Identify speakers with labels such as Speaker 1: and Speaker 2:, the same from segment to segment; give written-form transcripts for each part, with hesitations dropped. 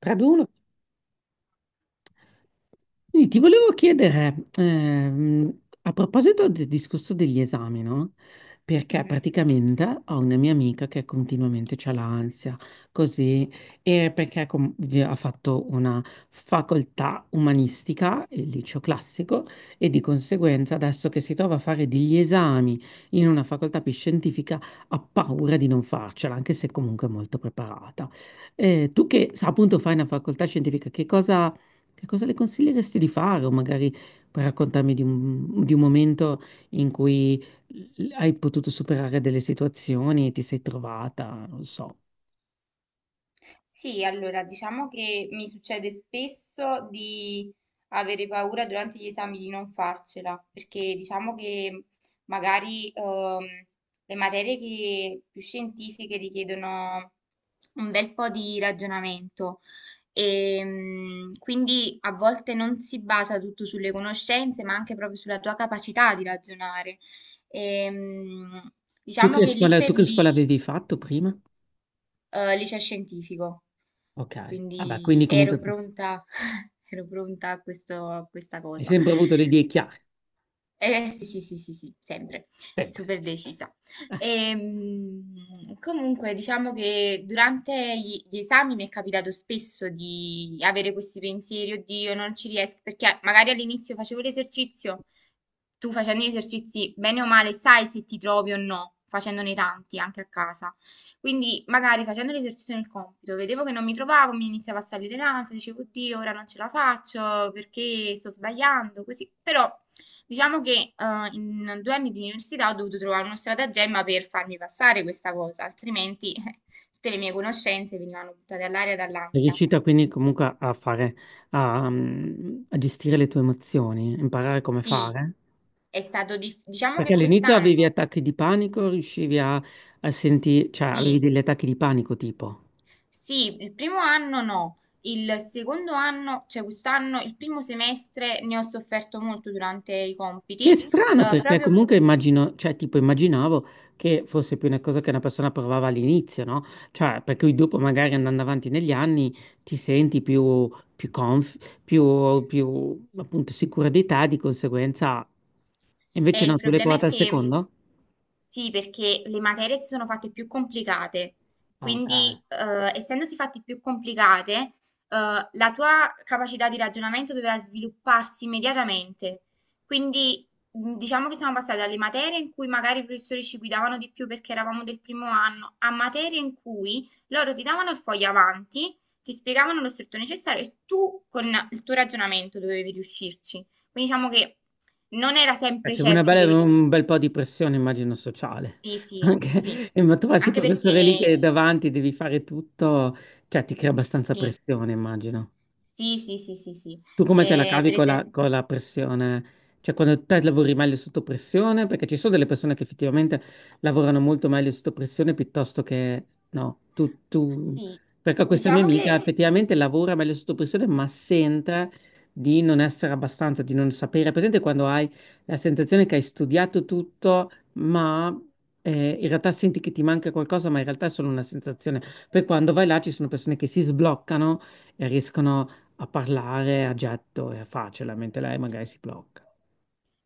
Speaker 1: 3-2-1. Quindi ti volevo chiedere, a proposito del discorso degli esami, no? Perché
Speaker 2: Mhm.
Speaker 1: praticamente ho una mia amica che continuamente c'ha l'ansia, così, e perché ha fatto una facoltà umanistica, il liceo classico, e di conseguenza adesso che si trova a fare degli esami in una facoltà più scientifica ha paura di non farcela, anche se comunque è molto preparata. Tu che sa, appunto fai una facoltà scientifica, che cosa... Che cosa le consiglieresti di fare? O magari puoi raccontarmi di un momento in cui hai potuto superare delle situazioni e ti sei trovata, non so.
Speaker 2: Sì, allora diciamo che mi succede spesso di avere paura durante gli esami di non farcela, perché diciamo che magari le materie che più scientifiche richiedono un bel po' di ragionamento e quindi a volte non si basa tutto sulle conoscenze, ma anche proprio sulla tua capacità di ragionare. E, mm, diciamo che lì
Speaker 1: Tu
Speaker 2: per
Speaker 1: che scuola
Speaker 2: lì
Speaker 1: avevi fatto prima?
Speaker 2: liceo scientifico,
Speaker 1: Ok, vabbè,
Speaker 2: quindi
Speaker 1: quindi comunque
Speaker 2: ero pronta, ero pronta a a questa
Speaker 1: hai
Speaker 2: cosa.
Speaker 1: sempre avuto le idee chiare,
Speaker 2: Sì, sì, sì, sì, sì, sempre,
Speaker 1: sempre.
Speaker 2: super decisa.
Speaker 1: Eh,
Speaker 2: Comunque, diciamo che durante gli esami mi è capitato spesso di avere questi pensieri, oddio, non ci riesco, perché magari all'inizio facevo l'esercizio, tu facendo gli esercizi, bene o male, sai se ti trovi o no, facendone tanti anche a casa. Quindi, magari facendo l'esercizio nel compito, vedevo che non mi trovavo, mi iniziava a salire l'ansia, dicevo, oddio, ora non ce la faccio perché sto sbagliando, così, però diciamo che in due anni di università ho dovuto trovare uno stratagemma per farmi passare questa cosa, altrimenti tutte le mie conoscenze venivano buttate all'aria
Speaker 1: Sei
Speaker 2: dall'ansia.
Speaker 1: riuscita quindi comunque a fare, a gestire le tue emozioni, imparare come
Speaker 2: Sì,
Speaker 1: fare?
Speaker 2: è stato diciamo
Speaker 1: Perché
Speaker 2: che
Speaker 1: all'inizio avevi
Speaker 2: quest'anno,
Speaker 1: attacchi di panico, riuscivi a sentire, cioè avevi
Speaker 2: sì,
Speaker 1: degli attacchi di panico tipo.
Speaker 2: sì, il primo anno no, il secondo anno, cioè quest'anno, il primo semestre ne ho sofferto molto durante i
Speaker 1: Che è
Speaker 2: compiti,
Speaker 1: strano, perché
Speaker 2: proprio.
Speaker 1: comunque immagino, cioè, tipo, immaginavo che fosse più una cosa che una persona provava all'inizio, no? Cioè, per cui dopo, magari andando avanti negli anni, ti senti più, più conf, più, appunto, sicura di te, di conseguenza. Invece
Speaker 2: Il
Speaker 1: no, tu l'hai
Speaker 2: problema è
Speaker 1: provata al
Speaker 2: che
Speaker 1: secondo?
Speaker 2: sì, perché le materie si sono fatte più complicate,
Speaker 1: Ah, ok.
Speaker 2: quindi essendosi fatte più complicate, la tua capacità di ragionamento doveva svilupparsi immediatamente. Quindi diciamo che siamo passati dalle materie in cui magari i professori ci guidavano di più perché eravamo del primo anno, a materie in cui loro ti davano il foglio avanti, ti spiegavano lo stretto necessario e tu con il tuo ragionamento dovevi riuscirci. Quindi diciamo che non era sempre
Speaker 1: C'è una
Speaker 2: certo che...
Speaker 1: un bel po' di pressione, immagino, sociale.
Speaker 2: Sì, sì, sì.
Speaker 1: Anche, e ma trovarsi il
Speaker 2: Anche
Speaker 1: professore lì che
Speaker 2: perché...
Speaker 1: davanti devi fare tutto, cioè, ti crea abbastanza
Speaker 2: Sì,
Speaker 1: pressione, immagino.
Speaker 2: sì, sì, sì, sì, sì.
Speaker 1: Tu come te la cavi
Speaker 2: Per esempio...
Speaker 1: con la pressione? Cioè, quando te lavori meglio sotto pressione? Perché ci sono delle persone che effettivamente lavorano molto meglio sotto pressione piuttosto che no. Tu...
Speaker 2: Sì,
Speaker 1: Perché questa mia
Speaker 2: diciamo
Speaker 1: amica
Speaker 2: che
Speaker 1: effettivamente lavora meglio sotto pressione, ma sente di non essere abbastanza, di non sapere. È presente quando hai la sensazione che hai studiato tutto, ma in realtà senti che ti manca qualcosa, ma in realtà è solo una sensazione. Poi quando vai là ci sono persone che si sbloccano e riescono a parlare a getto e a facile, mentre lei magari si blocca.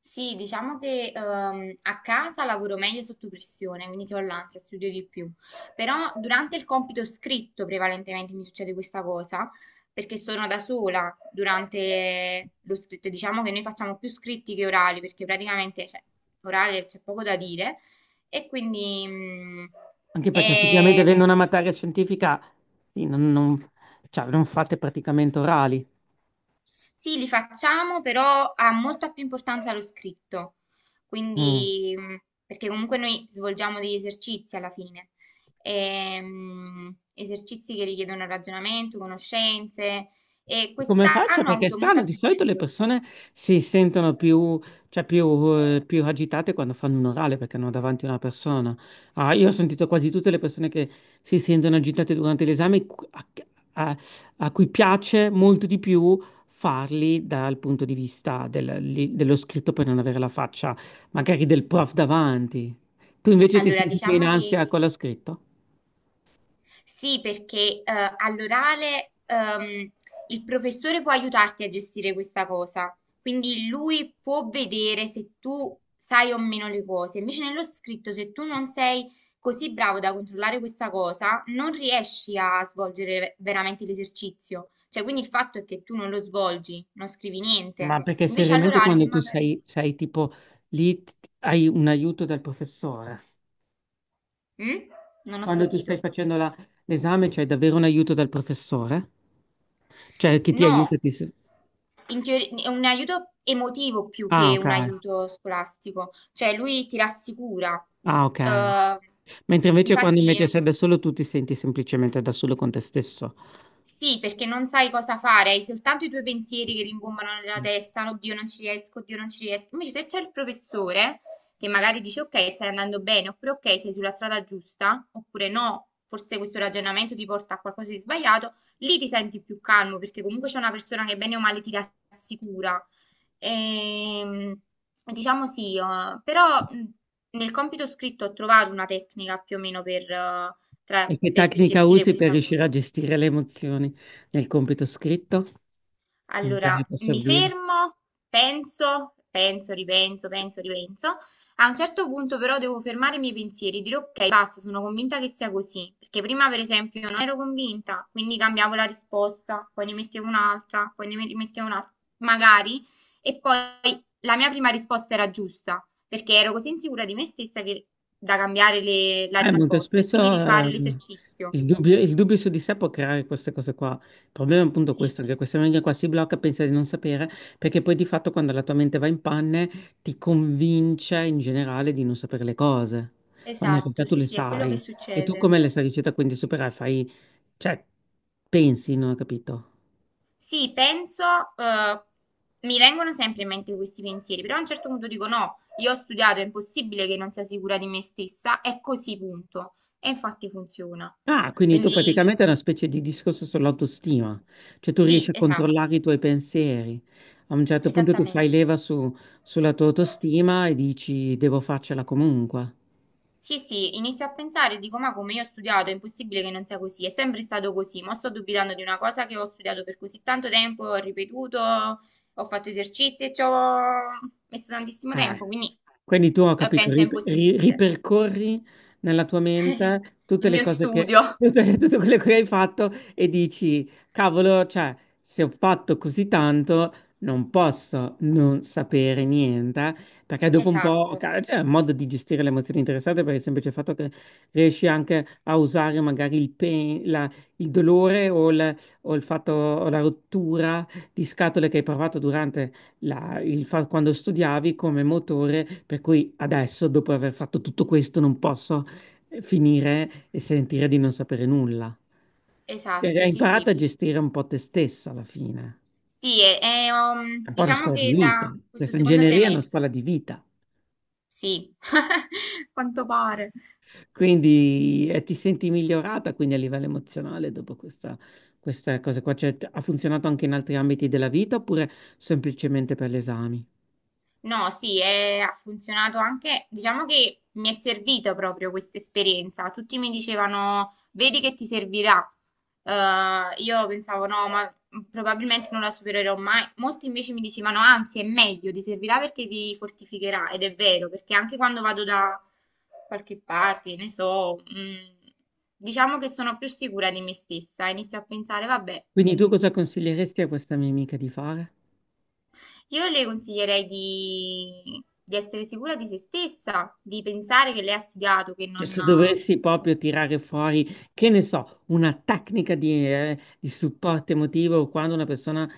Speaker 2: Sì, diciamo che a casa lavoro meglio sotto pressione, quindi se ho l'ansia studio di più. Però durante il compito scritto prevalentemente mi succede questa cosa, perché sono da sola durante lo scritto. Diciamo che noi facciamo più scritti che orali, perché praticamente, cioè, orale c'è poco da dire e quindi
Speaker 1: Anche perché effettivamente
Speaker 2: è.
Speaker 1: avendo una materia scientifica, sì, non- cioè, non fate praticamente orali.
Speaker 2: Sì, li facciamo, però ha molta più importanza lo scritto,
Speaker 1: Mm.
Speaker 2: quindi, perché comunque noi svolgiamo degli esercizi alla fine. Esercizi che richiedono ragionamento, conoscenze, e
Speaker 1: Come faccio?
Speaker 2: quest'anno ho
Speaker 1: Perché è
Speaker 2: avuto
Speaker 1: strano,
Speaker 2: molta
Speaker 1: di
Speaker 2: più
Speaker 1: solito le
Speaker 2: difficoltà.
Speaker 1: persone si sentono più, cioè più, più agitate quando fanno un orale perché hanno davanti una persona. Ah, io ho sentito quasi tutte le persone che si sentono agitate durante l'esame a- a cui piace molto di più farli dal punto di vista dello scritto per non avere la faccia magari del prof davanti. Tu invece ti
Speaker 2: Allora,
Speaker 1: senti più in
Speaker 2: diciamo che
Speaker 1: ansia con lo scritto?
Speaker 2: sì, perché all'orale il professore può aiutarti a gestire questa cosa, quindi lui può vedere se tu sai o meno le cose. Invece nello scritto, se tu non sei così bravo da controllare questa cosa, non riesci a svolgere veramente l'esercizio. Cioè, quindi il fatto è che tu non lo svolgi, non scrivi niente.
Speaker 1: Ma perché
Speaker 2: Invece
Speaker 1: seriamente
Speaker 2: all'orale, se
Speaker 1: quando
Speaker 2: magari...
Speaker 1: sei tipo lì t- hai un aiuto dal professore?
Speaker 2: Mm? Non ho
Speaker 1: Quando tu stai
Speaker 2: sentito.
Speaker 1: facendo l'esame c'hai davvero un aiuto dal professore? Cioè che ti
Speaker 2: No,
Speaker 1: aiuta? Ti... s-
Speaker 2: in è un aiuto emotivo più
Speaker 1: Ah,
Speaker 2: che
Speaker 1: ok.
Speaker 2: un aiuto scolastico, cioè lui ti rassicura.
Speaker 1: Ah, ok.
Speaker 2: Eh,
Speaker 1: Mentre invece quando invece sei
Speaker 2: infatti
Speaker 1: da solo tu ti senti semplicemente da solo con te stesso.
Speaker 2: sì, perché non sai cosa fare, hai soltanto i tuoi pensieri che rimbombano nella testa, oddio non ci riesco, oddio non ci riesco. Invece se c'è il professore che magari dice ok, stai andando bene, oppure ok, sei sulla strada giusta, oppure no, forse questo ragionamento ti porta a qualcosa di sbagliato, lì ti senti più calmo perché comunque c'è una persona che bene o male ti rassicura. Ehm, diciamo sì, però nel compito scritto ho trovato una tecnica più o meno per
Speaker 1: E che
Speaker 2: per
Speaker 1: tecnica
Speaker 2: gestire
Speaker 1: usi per
Speaker 2: questa
Speaker 1: riuscire a
Speaker 2: cosa.
Speaker 1: gestire le emozioni nel compito scritto? Che
Speaker 2: Allora,
Speaker 1: magari può
Speaker 2: mi
Speaker 1: servire?
Speaker 2: fermo, penso, penso, ripenso, penso, ripenso. A un certo punto però devo fermare i miei pensieri, dire ok, basta, sono convinta che sia così, perché prima per esempio io non ero convinta, quindi cambiavo la risposta, poi ne mettevo un'altra, poi ne mettevo un'altra, magari, e poi la mia prima risposta era giusta, perché ero così insicura di me stessa che da cambiare la
Speaker 1: Molto
Speaker 2: risposta e
Speaker 1: spesso
Speaker 2: quindi rifare l'esercizio.
Speaker 1: il dubbio su di sé può creare queste cose qua. Il problema è appunto
Speaker 2: Sì,
Speaker 1: questo, che questa mente qua si blocca, pensa di non sapere, perché poi di fatto quando la tua mente va in panne ti convince in generale di non sapere le cose, quando in realtà
Speaker 2: esatto,
Speaker 1: tu
Speaker 2: sì,
Speaker 1: le
Speaker 2: sì, è quello che
Speaker 1: sai. E tu
Speaker 2: succede.
Speaker 1: come le sei riuscita quindi a superare? Fai, cioè, pensi, non ho capito.
Speaker 2: Sì, penso, eh, mi vengono sempre in mente questi pensieri, però a un certo punto dico no, io ho studiato, è impossibile che non sia sicura di me stessa, è così, punto. E infatti funziona.
Speaker 1: Ah, quindi tu
Speaker 2: Quindi
Speaker 1: praticamente è una specie di discorso sull'autostima, cioè tu riesci
Speaker 2: sì,
Speaker 1: a controllare
Speaker 2: esatto,
Speaker 1: i tuoi pensieri. A un certo punto tu fai
Speaker 2: esattamente.
Speaker 1: leva su- sulla tua autostima e dici devo farcela comunque.
Speaker 2: Sì, sì, inizio a pensare, e dico ma come io ho studiato, è impossibile che non sia così, è sempre stato così, ma sto dubitando di una cosa che ho studiato per così tanto tempo, ho ripetuto, ho fatto esercizi e ci ho messo tantissimo
Speaker 1: Ah,
Speaker 2: tempo,
Speaker 1: eh,
Speaker 2: quindi
Speaker 1: quindi tu ho capito,
Speaker 2: penso è impossibile.
Speaker 1: ripercorri nella tua mente tutte
Speaker 2: Il
Speaker 1: le
Speaker 2: mio
Speaker 1: cose che,
Speaker 2: studio.
Speaker 1: tutte, tutte quelle che hai fatto e dici, cavolo, cioè, se ho fatto così tanto, non posso non sapere niente, perché dopo un po',
Speaker 2: Esatto,
Speaker 1: ca- cioè, è un modo di gestire le emozioni interessate per il semplice fatto che riesci anche a usare magari il, il dolore o il fatto, o la rottura di scatole che hai provato quando studiavi come motore, per cui adesso, dopo aver fatto tutto questo, non posso finire e sentire di non sapere nulla. Cioè,
Speaker 2: esatto,
Speaker 1: hai
Speaker 2: sì,
Speaker 1: imparato
Speaker 2: sì.
Speaker 1: a gestire un po' te stessa alla fine.
Speaker 2: Sì,
Speaker 1: È un po' una
Speaker 2: diciamo
Speaker 1: scuola di
Speaker 2: che
Speaker 1: vita.
Speaker 2: da questo
Speaker 1: Questa
Speaker 2: secondo
Speaker 1: ingegneria è una scuola
Speaker 2: semestre,
Speaker 1: di vita.
Speaker 2: sì, quanto pare.
Speaker 1: Quindi ti senti migliorata quindi a livello emozionale dopo questa, questa cosa qua. Cioè, t- ha funzionato anche in altri ambiti della vita oppure semplicemente per gli esami?
Speaker 2: No, sì, ha funzionato anche, diciamo che mi è servita proprio questa esperienza. Tutti mi dicevano, vedi che ti servirà. Io pensavo, no, ma probabilmente non la supererò mai. Molti invece mi dicevano, anzi, è meglio, ti servirà perché ti fortificherà. Ed è vero, perché anche quando vado da qualche parte, ne so, mm, diciamo che sono più sicura di me stessa. Inizio a pensare, vabbè,
Speaker 1: Quindi
Speaker 2: mm,
Speaker 1: tu cosa consiglieresti a questa mia amica di fare?
Speaker 2: io le consiglierei di essere sicura di se stessa, di pensare che lei ha studiato, che
Speaker 1: Cioè,
Speaker 2: non...
Speaker 1: se dovessi proprio tirare fuori, che ne so, una tecnica di supporto emotivo quando una persona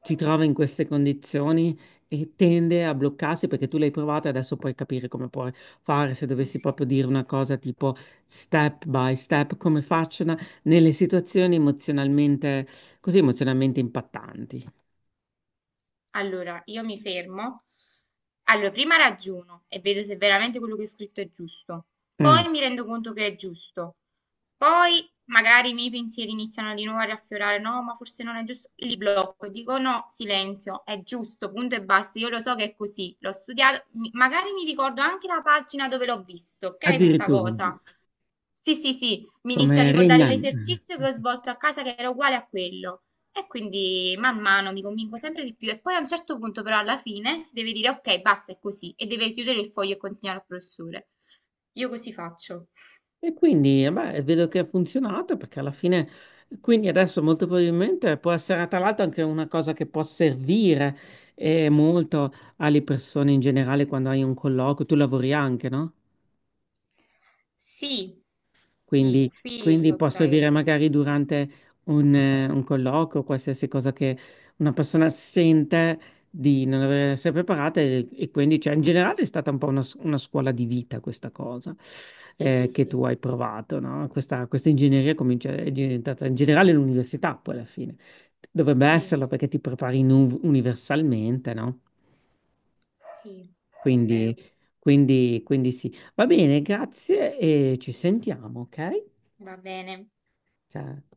Speaker 1: si trova in queste condizioni e tende a bloccarsi perché tu l'hai provata, adesso puoi capire come puoi fare, se dovessi
Speaker 2: Mhm.
Speaker 1: proprio dire una cosa tipo step by step, come facciano nelle situazioni emozionalmente, così emozionalmente impattanti.
Speaker 2: Allora, io mi fermo. Allora, prima ragiono e vedo se veramente quello che ho scritto è giusto.
Speaker 1: Mm.
Speaker 2: Poi mi rendo conto che è giusto. Poi magari i miei pensieri iniziano di nuovo a riaffiorare, no, ma forse non è giusto. Li blocco, dico no, silenzio, è giusto, punto e basta. Io lo so che è così, l'ho studiato, magari mi ricordo anche la pagina dove l'ho visto, ok, questa
Speaker 1: Addirittura,
Speaker 2: cosa. Sì, sì, sì, mi inizio a
Speaker 1: come Rain
Speaker 2: ricordare
Speaker 1: Man.
Speaker 2: l'esercizio che ho svolto a casa che era uguale a quello. E quindi man mano mi convinco sempre di più e poi a un certo punto però alla fine si deve dire ok, basta, è così e deve chiudere il foglio e consegnare al professore. Io così faccio.
Speaker 1: E quindi, beh, vedo che ha funzionato perché alla fine, quindi adesso molto probabilmente può essere tra l'altro anche una cosa che può servire molto alle persone in generale quando hai un colloquio. Tu lavori anche, no?
Speaker 2: Sì, sì,
Speaker 1: Quindi,
Speaker 2: qui su
Speaker 1: quindi può
Speaker 2: Outlier,
Speaker 1: servire
Speaker 2: sì.
Speaker 1: magari durante un colloquio, qualsiasi cosa che una persona sente di non avere- essere preparata e quindi cioè, in generale è stata un po' una scuola di vita questa cosa
Speaker 2: Sì, sì,
Speaker 1: che
Speaker 2: sì,
Speaker 1: tu hai provato, no? Questa ingegneria comincia, è diventata in generale l'università poi alla fine. Dovrebbe
Speaker 2: sì,
Speaker 1: esserlo perché ti prepari in un- universalmente, no?
Speaker 2: sì, è
Speaker 1: Quindi,
Speaker 2: vero,
Speaker 1: quindi sì. Va bene, grazie e ci sentiamo, ok?
Speaker 2: va bene.
Speaker 1: Ciao.